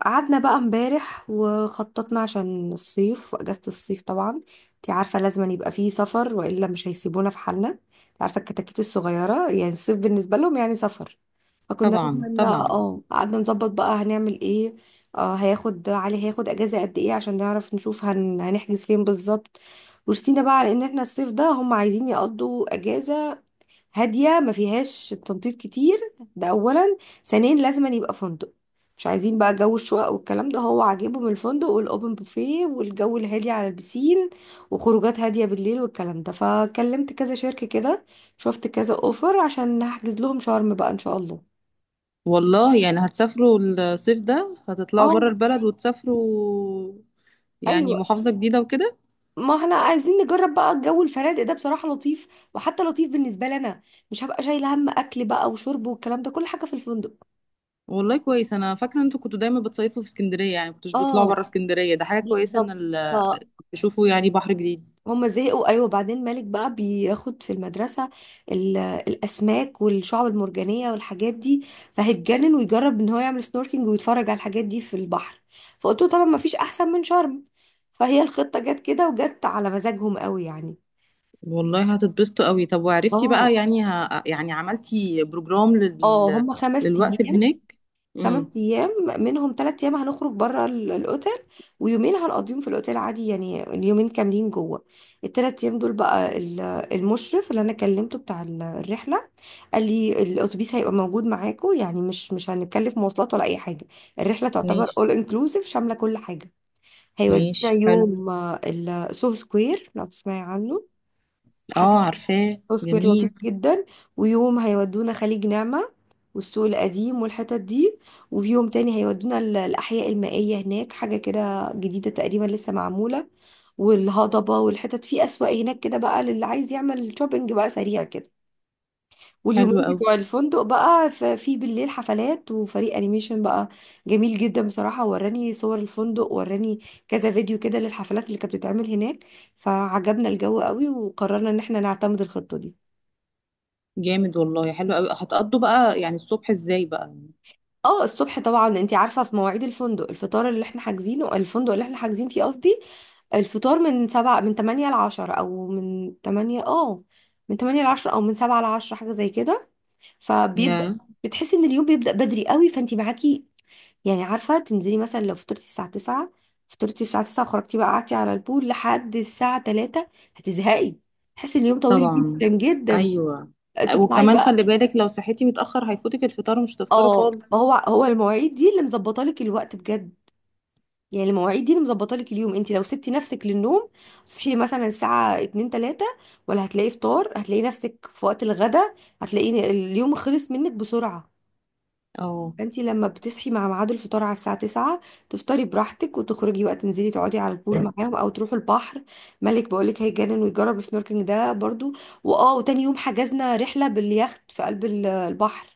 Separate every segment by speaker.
Speaker 1: قعدنا بقى امبارح وخططنا عشان الصيف واجازة الصيف، طبعا انت عارفة لازم يبقى فيه سفر والا مش هيسيبونا في حالنا. انت عارفة الكتاكيت الصغيرة، يعني الصيف بالنسبة لهم يعني سفر. فكنا لازم
Speaker 2: طبعا،
Speaker 1: ان
Speaker 2: طبعا.
Speaker 1: قعدنا نظبط بقى هنعمل ايه. هياخد، علي هياخد اجازة قد ايه عشان نعرف نشوف هنحجز فين بالظبط. ورسينا بقى على ان احنا الصيف ده هم عايزين يقضوا اجازة هاديه ما فيهاش تنطيط كتير. ده اولا، ثانيا لازم أن يبقى فندق. مش عايزين بقى جو الشقق والكلام ده، هو عاجبهم الفندق والاوبن بوفيه والجو الهادي على البسين وخروجات هاديه بالليل والكلام ده. فكلمت كذا شركه كده، شفت كذا اوفر، عشان هحجز لهم شرم بقى ان شاء الله.
Speaker 2: والله يعني هتسافروا الصيف ده، هتطلعوا بره
Speaker 1: اه.
Speaker 2: البلد وتسافروا، يعني
Speaker 1: ايوه
Speaker 2: محافظة جديدة وكده.
Speaker 1: ما احنا عايزين نجرب بقى الجو، الفنادق ده بصراحة لطيف، وحتى لطيف بالنسبة لنا. مش هبقى شايلة هم أكل بقى وشرب والكلام ده، كل حاجة في الفندق.
Speaker 2: والله كويس، انا فاكرة انتوا كنتوا دايما بتصيفوا في اسكندرية، يعني كنتوش بتطلعوا
Speaker 1: اه.
Speaker 2: بره اسكندرية، ده حاجة كويسة ان
Speaker 1: بالظبط.
Speaker 2: تشوفوا يعني بحر جديد.
Speaker 1: هما زهقوا، ايوه، بعدين مالك بقى بياخد في المدرسه الاسماك والشعب المرجانيه والحاجات دي، فهيتجنن ويجرب ان هو يعمل سنوركينج ويتفرج على الحاجات دي في البحر. فقلت له طبعا ما فيش احسن من شرم، فهي الخطه جت كده وجت على مزاجهم قوي يعني.
Speaker 2: والله هتتبسطوا قوي. طب وعرفتي
Speaker 1: اه.
Speaker 2: بقى يعني يعني عملتي بروجرام
Speaker 1: اه هما خمس
Speaker 2: للوقت اللي
Speaker 1: ايام
Speaker 2: هناك. امم.
Speaker 1: 5 ايام منهم 3 ايام هنخرج بره الاوتيل، ويومين هنقضيهم في الاوتيل عادي، يعني اليومين كاملين جوه. ال 3 ايام دول بقى، المشرف اللي انا كلمته بتاع الرحله قال لي الاتوبيس هيبقى موجود معاكم، يعني مش هنتكلف مواصلات ولا اي حاجه. الرحله تعتبر
Speaker 2: ماشي.
Speaker 1: اول انكلوسيف شامله كل حاجه. هيودينا
Speaker 2: ماشي، حلو.
Speaker 1: يوم السو سكوير، لو تسمعي عنه حاجه،
Speaker 2: اه، عارفاه،
Speaker 1: سو سكوير لطيف
Speaker 2: جميل.
Speaker 1: جدا. ويوم هيودونا خليج نعمه والسوق القديم والحتت دي. وفي يوم تاني هيودونا الاحياء المائيه، هناك حاجه كده جديده تقريبا لسه معموله، والهضبه والحتت في اسواق هناك كده، بقى للي عايز يعمل شوبينج بقى سريع كده. واليومين
Speaker 2: حلو قوي.
Speaker 1: بتوع الفندق بقى في بالليل حفلات وفريق انيميشن بقى جميل جدا بصراحة، وراني صور الفندق، وراني كذا فيديو كده للحفلات اللي كانت بتتعمل هناك، فعجبنا الجو قوي وقررنا ان احنا نعتمد الخطة دي.
Speaker 2: جامد، والله حلو قوي. هتقضوا بقى يعني الصبح ازاي بقى؟
Speaker 1: اه. الصبح طبعا انت عارفة في مواعيد الفندق، الفطار اللي احنا حاجزينه، الفندق اللي احنا حاجزين فيه قصدي، الفطار من 7، من 8 ل 10، أو من تمانية، من تمانية لعشرة أو من 7 ل 10، حاجة زي كده. فبيبدأ،
Speaker 2: يا.
Speaker 1: بتحسي إن اليوم بيبدأ بدري قوي، فأنت معاكي يعني عارفة تنزلي مثلا لو فطرتي الساعة 9، فطرتي الساعة 9 وخرجتي بقى قعدتي على البول لحد الساعة 3، هتزهقي، تحسي اليوم طويل
Speaker 2: طبعا.
Speaker 1: جدا جدا،
Speaker 2: ايوه.
Speaker 1: تطلعي
Speaker 2: وكمان خلي
Speaker 1: بقى.
Speaker 2: بالك، لو صحيتي متأخر هيفوتك الفطار ومش هتفطروا
Speaker 1: اه.
Speaker 2: خالص.
Speaker 1: ما هو، هو المواعيد دي اللي مظبطه لك الوقت بجد، يعني المواعيد دي اللي مظبطه لك اليوم. انت لو سبتي نفسك للنوم تصحي مثلا الساعة 2 3، ولا هتلاقي فطار، هتلاقي نفسك في وقت الغدا، هتلاقي اليوم خلص منك بسرعة.
Speaker 2: اه.
Speaker 1: فانت لما بتصحي مع ميعاد الفطار على الساعة 9، تفطري براحتك وتخرجي بقى، تنزلي تقعدي على البول معاهم او تروحوا البحر، مالك بقولك هيجنن ويجرب السنوركينج ده برضو. واه وتاني يوم حجزنا رحلة باليخت في قلب البحر،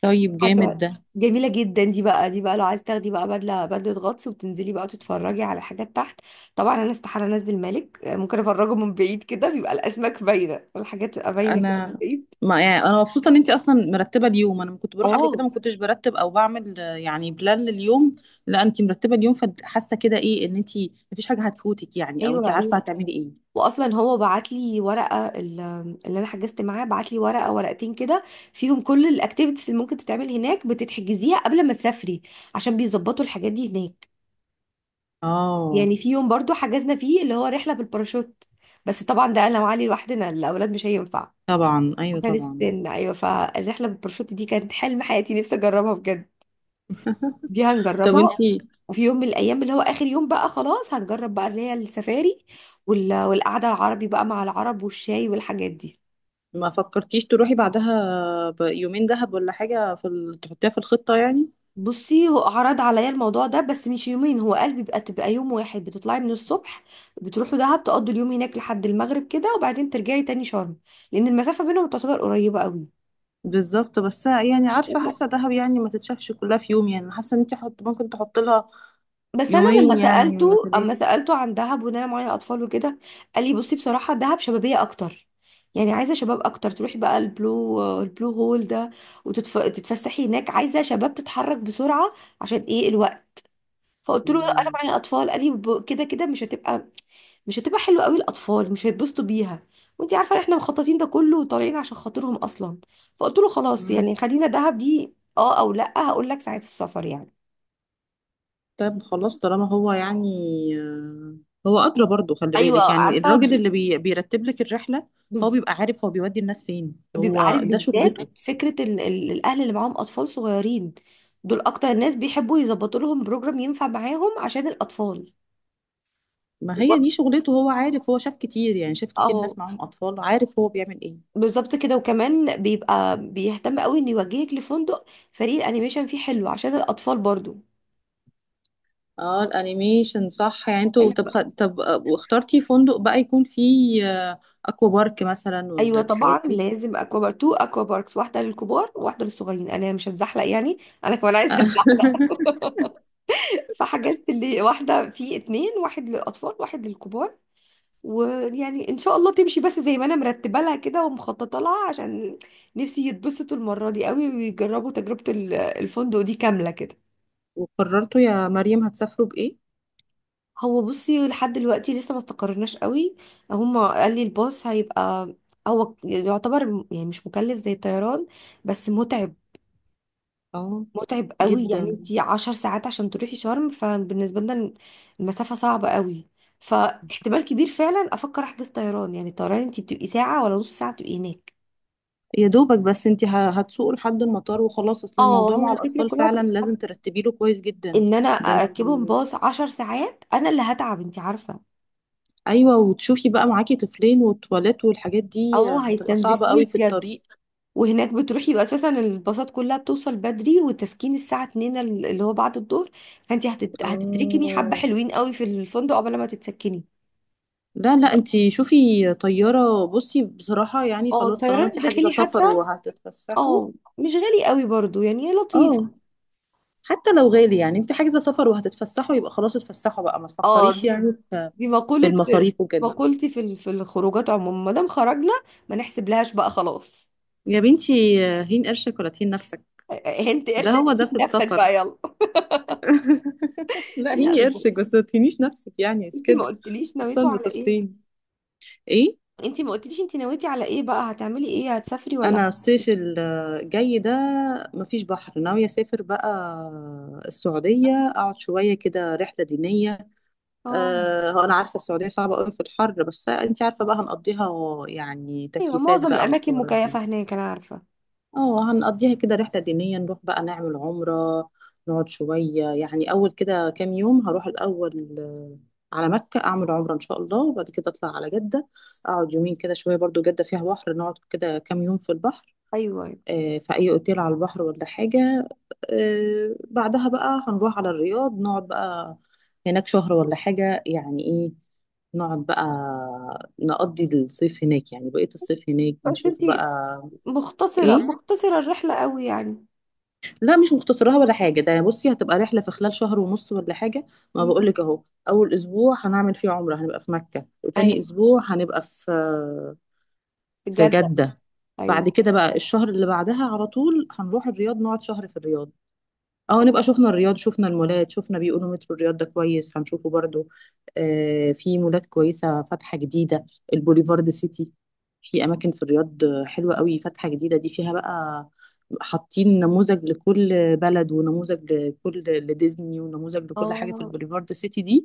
Speaker 2: طيب، جامد
Speaker 1: حاجة
Speaker 2: ده.
Speaker 1: جميلة جدا. دي بقى لو عايز تاخدي بقى بدلة غطس، وبتنزلي بقى تتفرجي على الحاجات تحت. طبعا انا استحالة انزل، مالك ممكن افرجه من بعيد كده، بيبقى الاسماك باينة والحاجات تبقى باينة كده
Speaker 2: انا.
Speaker 1: من بعيد.
Speaker 2: ما يعني انا مبسوطه ان انت اصلا مرتبه اليوم، انا كنت بروح قبل كده
Speaker 1: اه.
Speaker 2: ما كنتش برتب او بعمل يعني بلان لليوم. لا انت مرتبه اليوم، فحاسه كده ايه ان انت مفيش حاجه هتفوتك، يعني او انت
Speaker 1: ايوه،
Speaker 2: عارفه
Speaker 1: ايوه.
Speaker 2: هتعملي ايه.
Speaker 1: واصلا هو بعت لي ورقه، اللي انا حجزت معاه بعت لي ورقه، ورقتين كده، فيهم كل الاكتيفيتيز اللي ممكن تتعمل هناك، بتتحجزيها قبل ما تسافري عشان بيظبطوا الحاجات دي هناك.
Speaker 2: اه.
Speaker 1: يعني في يوم برضو حجزنا فيه اللي هو رحله بالباراشوت، بس طبعا ده انا وعلي لوحدنا، الاولاد مش هينفع
Speaker 2: طبعا ايوه،
Speaker 1: عشان
Speaker 2: طبعا.
Speaker 1: السن، ايوه. فالرحله بالباراشوت دي كانت حلم حياتي، نفسي اجربها بجد، دي
Speaker 2: طب انت
Speaker 1: هنجربها. وفي يوم من الايام، اللي هو اخر يوم بقى، خلاص هنجرب بقى اللي هي السفاري، وال- والقعده العربي بقى مع العرب والشاي والحاجات دي.
Speaker 2: ما فكرتيش تروحي بعدها بيومين دهب ولا حاجة في تحطيها في الخطة يعني؟
Speaker 1: بصي هو عرض عليا الموضوع ده، بس مش يومين، هو قال بيبقى تبقى يوم واحد، بتطلعي من الصبح بتروحوا دهب تقضوا اليوم هناك لحد المغرب كده، وبعدين ترجعي تاني شرم، لان المسافه بينهم تعتبر قريبه قوي.
Speaker 2: بالظبط، بس يعني عارفة، حاسة دهب يعني ما تتشافش كلها في يوم، يعني حاسة ان انت ممكن تحط لها
Speaker 1: بس انا
Speaker 2: يومين
Speaker 1: لما
Speaker 2: يعني،
Speaker 1: سالته،
Speaker 2: ولا
Speaker 1: اما
Speaker 2: ثلاثة.
Speaker 1: سالته عن دهب، وان انا معايا اطفال وكده، قال لي بصي بصراحه دهب شبابيه اكتر، يعني عايزه شباب اكتر، تروحي بقى البلو هول ده وتتفسحي هناك، عايزه شباب تتحرك بسرعه عشان ايه الوقت. فقلت له لا انا
Speaker 2: مم.
Speaker 1: معايا اطفال، قال لي كده كده مش هتبقى، مش هتبقى حلوه قوي، الاطفال مش هيتبسطوا بيها، وانت عارفه احنا مخططين ده كله وطالعين عشان خاطرهم اصلا. فقلت له خلاص
Speaker 2: مم.
Speaker 1: يعني خلينا دهب دي اه، او لا هقول لك ساعه السفر يعني.
Speaker 2: طيب خلاص، طالما هو يعني آه، هو أدرى. برضو خلي
Speaker 1: ايوه
Speaker 2: بالك يعني
Speaker 1: عارفه.
Speaker 2: الراجل اللي بيرتب لك الرحلة هو
Speaker 1: بز-
Speaker 2: بيبقى عارف، هو بيودي الناس فين،
Speaker 1: بيبقى
Speaker 2: هو
Speaker 1: عارف
Speaker 2: ده
Speaker 1: بالذات
Speaker 2: شغلته.
Speaker 1: فكره ال ال الاهل اللي معاهم اطفال صغيرين، دول اكتر ناس بيحبوا يظبطوا لهم بروجرام ينفع معاهم عشان الاطفال.
Speaker 2: ما هي
Speaker 1: وبرضه-
Speaker 2: دي شغلته، هو عارف، هو شاف كتير، يعني شاف كتير
Speaker 1: اهو،
Speaker 2: ناس معاهم أطفال، عارف هو بيعمل ايه.
Speaker 1: بالظبط كده، وكمان بيبقى بيهتم قوي ان يوجهك لفندق فريق الانيميشن فيه حلو عشان الاطفال برضو.
Speaker 2: اه الانيميشن صح، يعني انتوا طب
Speaker 1: ايوه.
Speaker 2: طب واخترتي فندق بقى يكون فيه آه، اكوا بارك مثلا
Speaker 1: ايوه
Speaker 2: والحاجات
Speaker 1: طبعا
Speaker 2: دي؟
Speaker 1: لازم اكوا بارك، تو اكوا باركس، واحده للكبار وواحده للصغيرين، انا مش هتزحلق يعني، انا كمان عايزه اتزحلق. فحجزت اللي واحده في اتنين، واحد للاطفال واحد للكبار. ويعني ان شاء الله تمشي بس زي ما انا مرتبه لها كده ومخططه لها، عشان نفسي يتبسطوا المره دي قوي، ويجربوا تجربه الفندق دي كامله كده.
Speaker 2: وقررتوا يا مريم هتسافروا بايه؟
Speaker 1: هو بصي، لحد دلوقتي لسه ما استقرناش قوي، هما قال لي الباص هيبقى، هو يعتبر يعني مش مكلف زي الطيران، بس متعب،
Speaker 2: اه.
Speaker 1: متعب قوي يعني،
Speaker 2: جدا.
Speaker 1: انتي 10 ساعات عشان تروحي شرم، فبالنسبة لنا المسافة صعبة قوي. فاحتمال كبير فعلا افكر احجز طيران، يعني الطيران انتي بتبقي ساعة ولا نص ساعة بتبقي هناك.
Speaker 2: يا دوبك، بس انت هتسوقوا لحد المطار وخلاص، اصل
Speaker 1: اه.
Speaker 2: الموضوع
Speaker 1: هو
Speaker 2: مع
Speaker 1: الفكرة
Speaker 2: الاطفال
Speaker 1: كلها
Speaker 2: فعلا
Speaker 1: تبقى
Speaker 2: لازم ترتبي له كويس جدا.
Speaker 1: ان انا
Speaker 2: ده انت.
Speaker 1: اركبهم باص 10 ساعات، انا اللي هتعب انتي عارفة.
Speaker 2: ايوه، وتشوفي بقى معاكي طفلين والتواليت والحاجات دي
Speaker 1: اه
Speaker 2: هتبقى صعبة
Speaker 1: هيستنزفوني
Speaker 2: قوي في
Speaker 1: بجد.
Speaker 2: الطريق.
Speaker 1: وهناك بتروحي يبقى اساسا الباصات كلها بتوصل بدري، وتسكين الساعه 2، اللي هو بعد الظهر، فانت هتتركني حبه
Speaker 2: اه.
Speaker 1: حلوين قوي في الفندق قبل ما تتسكني.
Speaker 2: لا، لا، انت شوفي طيارة، بصي بصراحة يعني
Speaker 1: اه
Speaker 2: خلاص طالما
Speaker 1: الطيران
Speaker 2: انت حاجزة
Speaker 1: الداخلي حتى،
Speaker 2: سفر وهتتفسحوا.
Speaker 1: اه مش غالي قوي برضو، يعني لطيف.
Speaker 2: اه. حتى لو غالي يعني، انت حاجزة سفر وهتتفسحوا يبقى خلاص، اتفسحوا بقى، ما
Speaker 1: اه.
Speaker 2: تفكريش
Speaker 1: دي
Speaker 2: يعني في
Speaker 1: دي
Speaker 2: في
Speaker 1: مقوله،
Speaker 2: المصاريف وكده.
Speaker 1: مقولتي في في الخروجات عموما، ما دام خرجنا ما نحسب لهاش بقى خلاص.
Speaker 2: يا بنتي، هين قرشك ولا تهين نفسك.
Speaker 1: هنت
Speaker 2: ده
Speaker 1: قرشك
Speaker 2: هو ده في
Speaker 1: جيب نفسك
Speaker 2: السفر.
Speaker 1: بقى يلا.
Speaker 2: لا،
Speaker 1: لا
Speaker 2: هيني
Speaker 1: بجد،
Speaker 2: قرشك بس ما تهينيش نفسك، يعني مش
Speaker 1: انت ما
Speaker 2: كده؟
Speaker 1: قلتليش نويتوا
Speaker 2: الصيف
Speaker 1: على ايه،
Speaker 2: بتفطين. ايه؟
Speaker 1: انت ما قلتليش انت نويتي على ايه بقى، هتعملي ايه، هتسافري ولا؟
Speaker 2: انا الصيف الجاي ده مفيش بحر، ناوية اسافر بقى السعودية، اقعد شوية كده رحلة دينية.
Speaker 1: اه.
Speaker 2: هو انا عارفه السعوديه صعبه قوي في الحر، بس انت عارفه بقى هنقضيها، يعني
Speaker 1: ايوه
Speaker 2: تكييفات
Speaker 1: معظم
Speaker 2: بقى
Speaker 1: الاماكن
Speaker 2: والحوارات دي.
Speaker 1: مكيفه هناك انا عارفه.
Speaker 2: اه هنقضيها كده رحله دينيه، نروح بقى نعمل عمره، نقعد شويه يعني. اول كده كام يوم هروح الاول على مكه اعمل عمره ان شاء الله، وبعد كده اطلع على جده، اقعد يومين كده شويه، برضو جده فيها بحر، نقعد كده كام يوم في البحر
Speaker 1: ايوه، ايوه.
Speaker 2: في اي اوتيل على البحر ولا حاجه. بعدها بقى هنروح على الرياض، نقعد بقى هناك شهر ولا حاجة يعني. ايه؟ نقعد بقى نقضي الصيف هناك، يعني بقية الصيف هناك،
Speaker 1: بس
Speaker 2: نشوف
Speaker 1: انتي
Speaker 2: بقى.
Speaker 1: مختصره
Speaker 2: ايه؟
Speaker 1: مختصره الرحله قوي يعني.
Speaker 2: لا مش مختصرها ولا حاجة، ده بصي هتبقى رحلة في خلال شهر ونص ولا حاجة، ما
Speaker 1: مم.
Speaker 2: بقولك اهو. اول اسبوع هنعمل فيه عمرة هنبقى في مكة، وتاني
Speaker 1: ايوه
Speaker 2: اسبوع هنبقى في
Speaker 1: في
Speaker 2: في
Speaker 1: جده،
Speaker 2: جدة.
Speaker 1: ايوه.
Speaker 2: بعد كده بقى الشهر اللي بعدها على طول هنروح الرياض، نقعد شهر في الرياض. اه نبقى شفنا الرياض، شفنا المولات، شفنا بيقولوا مترو الرياض ده كويس، هنشوفه برضو. آه، في مولات كويسة فاتحة جديدة، البوليفارد سيتي. في أماكن في الرياض حلوة قوي فاتحة جديدة، دي فيها بقى حاطين نموذج لكل بلد، ونموذج لكل لديزني، ونموذج لكل حاجة في
Speaker 1: اه
Speaker 2: البوليفارد سيتي دي.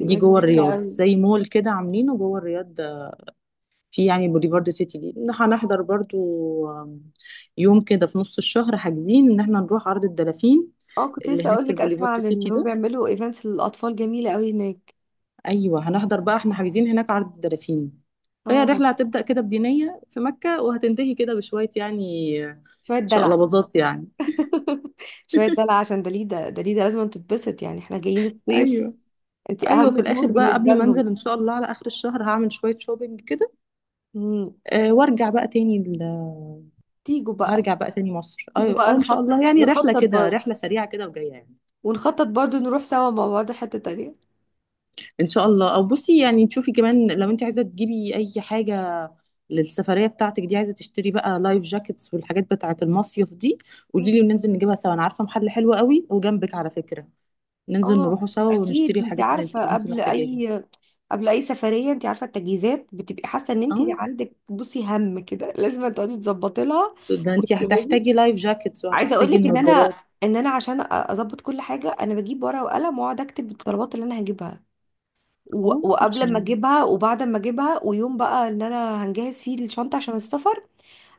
Speaker 2: دي جوه
Speaker 1: جميله
Speaker 2: الرياض
Speaker 1: قوي.
Speaker 2: زي مول كده عاملينه جوه الرياض. في يعني بوليفارد سيتي دي هنحضر برضو آم، يوم كده في نص الشهر حاجزين ان احنا نروح عرض الدلافين
Speaker 1: اه، كنت
Speaker 2: اللي
Speaker 1: لسه
Speaker 2: هناك
Speaker 1: اقول
Speaker 2: في
Speaker 1: لك، اسمع
Speaker 2: البوليفارد
Speaker 1: عن
Speaker 2: سيتي
Speaker 1: انهم
Speaker 2: ده.
Speaker 1: بيعملوا ايفنتس للاطفال جميله قوي هناك.
Speaker 2: ايوه هنحضر بقى، احنا حاجزين هناك عرض الدلافين. فهي
Speaker 1: اه.
Speaker 2: الرحله هتبدا كده بدينيه في مكه، وهتنتهي كده بشويه، يعني
Speaker 1: شويه دلع.
Speaker 2: شقلباظات يعني.
Speaker 1: شويه دلع عشان دليده دليده لازم تتبسط، يعني احنا جايين الصيف،
Speaker 2: ايوه،
Speaker 1: انتي
Speaker 2: ايوه،
Speaker 1: اهم
Speaker 2: في
Speaker 1: طيور
Speaker 2: الاخر بقى
Speaker 1: بالنسبه
Speaker 2: قبل ما
Speaker 1: لهم.
Speaker 2: انزل ان شاء الله على اخر الشهر هعمل شويه شوبينج كده.
Speaker 1: مم.
Speaker 2: أه وارجع بقى تاني
Speaker 1: تيجوا بقى،
Speaker 2: هرجع بقى تاني مصر،
Speaker 1: تيجوا
Speaker 2: ايوه
Speaker 1: بقى
Speaker 2: اه ان شاء الله يعني. رحله
Speaker 1: نخطط
Speaker 2: كده،
Speaker 1: برضه،
Speaker 2: رحله سريعه كده وجايه يعني.
Speaker 1: ونخطط برضه نروح سوا مع بعض حته تانيه.
Speaker 2: ان شاء الله. او بصي يعني تشوفي كمان لو انت عايزه تجيبي اي حاجه للسفريه بتاعتك دي، عايزه تشتري بقى لايف جاكيتس والحاجات بتاعه المصيف دي، قولي لي وننزل نجيبها سوا. انا عارفه محل حلو قوي وجنبك على فكره، ننزل
Speaker 1: اه،
Speaker 2: نروحوا سوا
Speaker 1: اكيد.
Speaker 2: ونشتري
Speaker 1: انت
Speaker 2: الحاجات اللي انت
Speaker 1: عارفه
Speaker 2: محتاجاها
Speaker 1: قبل اي سفريه، انت عارفه التجهيزات بتبقي حاسه ان انت
Speaker 2: اه.
Speaker 1: عندك، بصي، هم كده لازم تقعدي تظبطي لها
Speaker 2: ده انت
Speaker 1: وتكتبي.
Speaker 2: هتحتاجي لايف جاكيتس
Speaker 1: عايزه اقول
Speaker 2: وهتحتاجي
Speaker 1: لك ان انا
Speaker 2: النضارات.
Speaker 1: ان انا عشان اظبط كل حاجه، انا بجيب ورقه وقلم واقعد اكتب الطلبات اللي انا هجيبها،
Speaker 2: اه
Speaker 1: وقبل ما
Speaker 2: عشان
Speaker 1: اجيبها وبعد ما اجيبها، ويوم بقى ان انا هنجهز فيه الشنطه عشان السفر.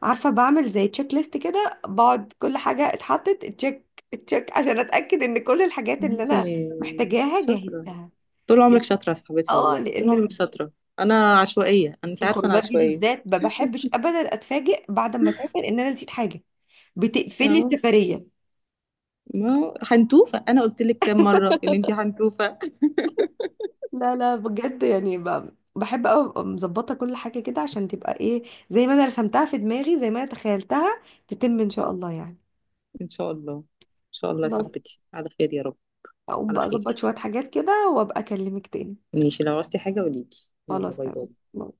Speaker 1: عارفه بعمل زي تشيك ليست كده، بقعد كل حاجه اتحطت تشيك تشيك عشان اتاكد ان كل الحاجات اللي
Speaker 2: انت
Speaker 1: انا محتاجاها
Speaker 2: شاطره،
Speaker 1: جاهزة.
Speaker 2: طول عمرك شاطره يا صاحبتي،
Speaker 1: اه،
Speaker 2: والله طول
Speaker 1: لان
Speaker 2: عمرك شاطره. انا عشوائيه، انت عارفه، انا
Speaker 1: الخروجات دي
Speaker 2: عشوائيه.
Speaker 1: بالذات ما بحبش ابدا اتفاجئ بعد ما اسافر ان انا نسيت حاجه، بتقفلي
Speaker 2: اه
Speaker 1: السفريه.
Speaker 2: ما هو حنتوفة، أنا قلت لك كام مرة إن أنتي حنتوفة.
Speaker 1: لا لا بجد يعني، بحب قوي ابقى مظبطه كل حاجه كده، عشان تبقى ايه، زي ما انا رسمتها في دماغي، زي ما انا تخيلتها، تتم ان شاء الله يعني.
Speaker 2: إن شاء الله، إن شاء الله يا
Speaker 1: خلاص.
Speaker 2: صاحبتي، على خير يا رب.
Speaker 1: اقوم
Speaker 2: على
Speaker 1: بقى اظبط
Speaker 2: خير.
Speaker 1: شويه حاجات كده وابقى اكلمك تاني.
Speaker 2: ماشي، لو عوزتي حاجة قوليلي. يلا،
Speaker 1: خلاص
Speaker 2: باي باي.
Speaker 1: تمام.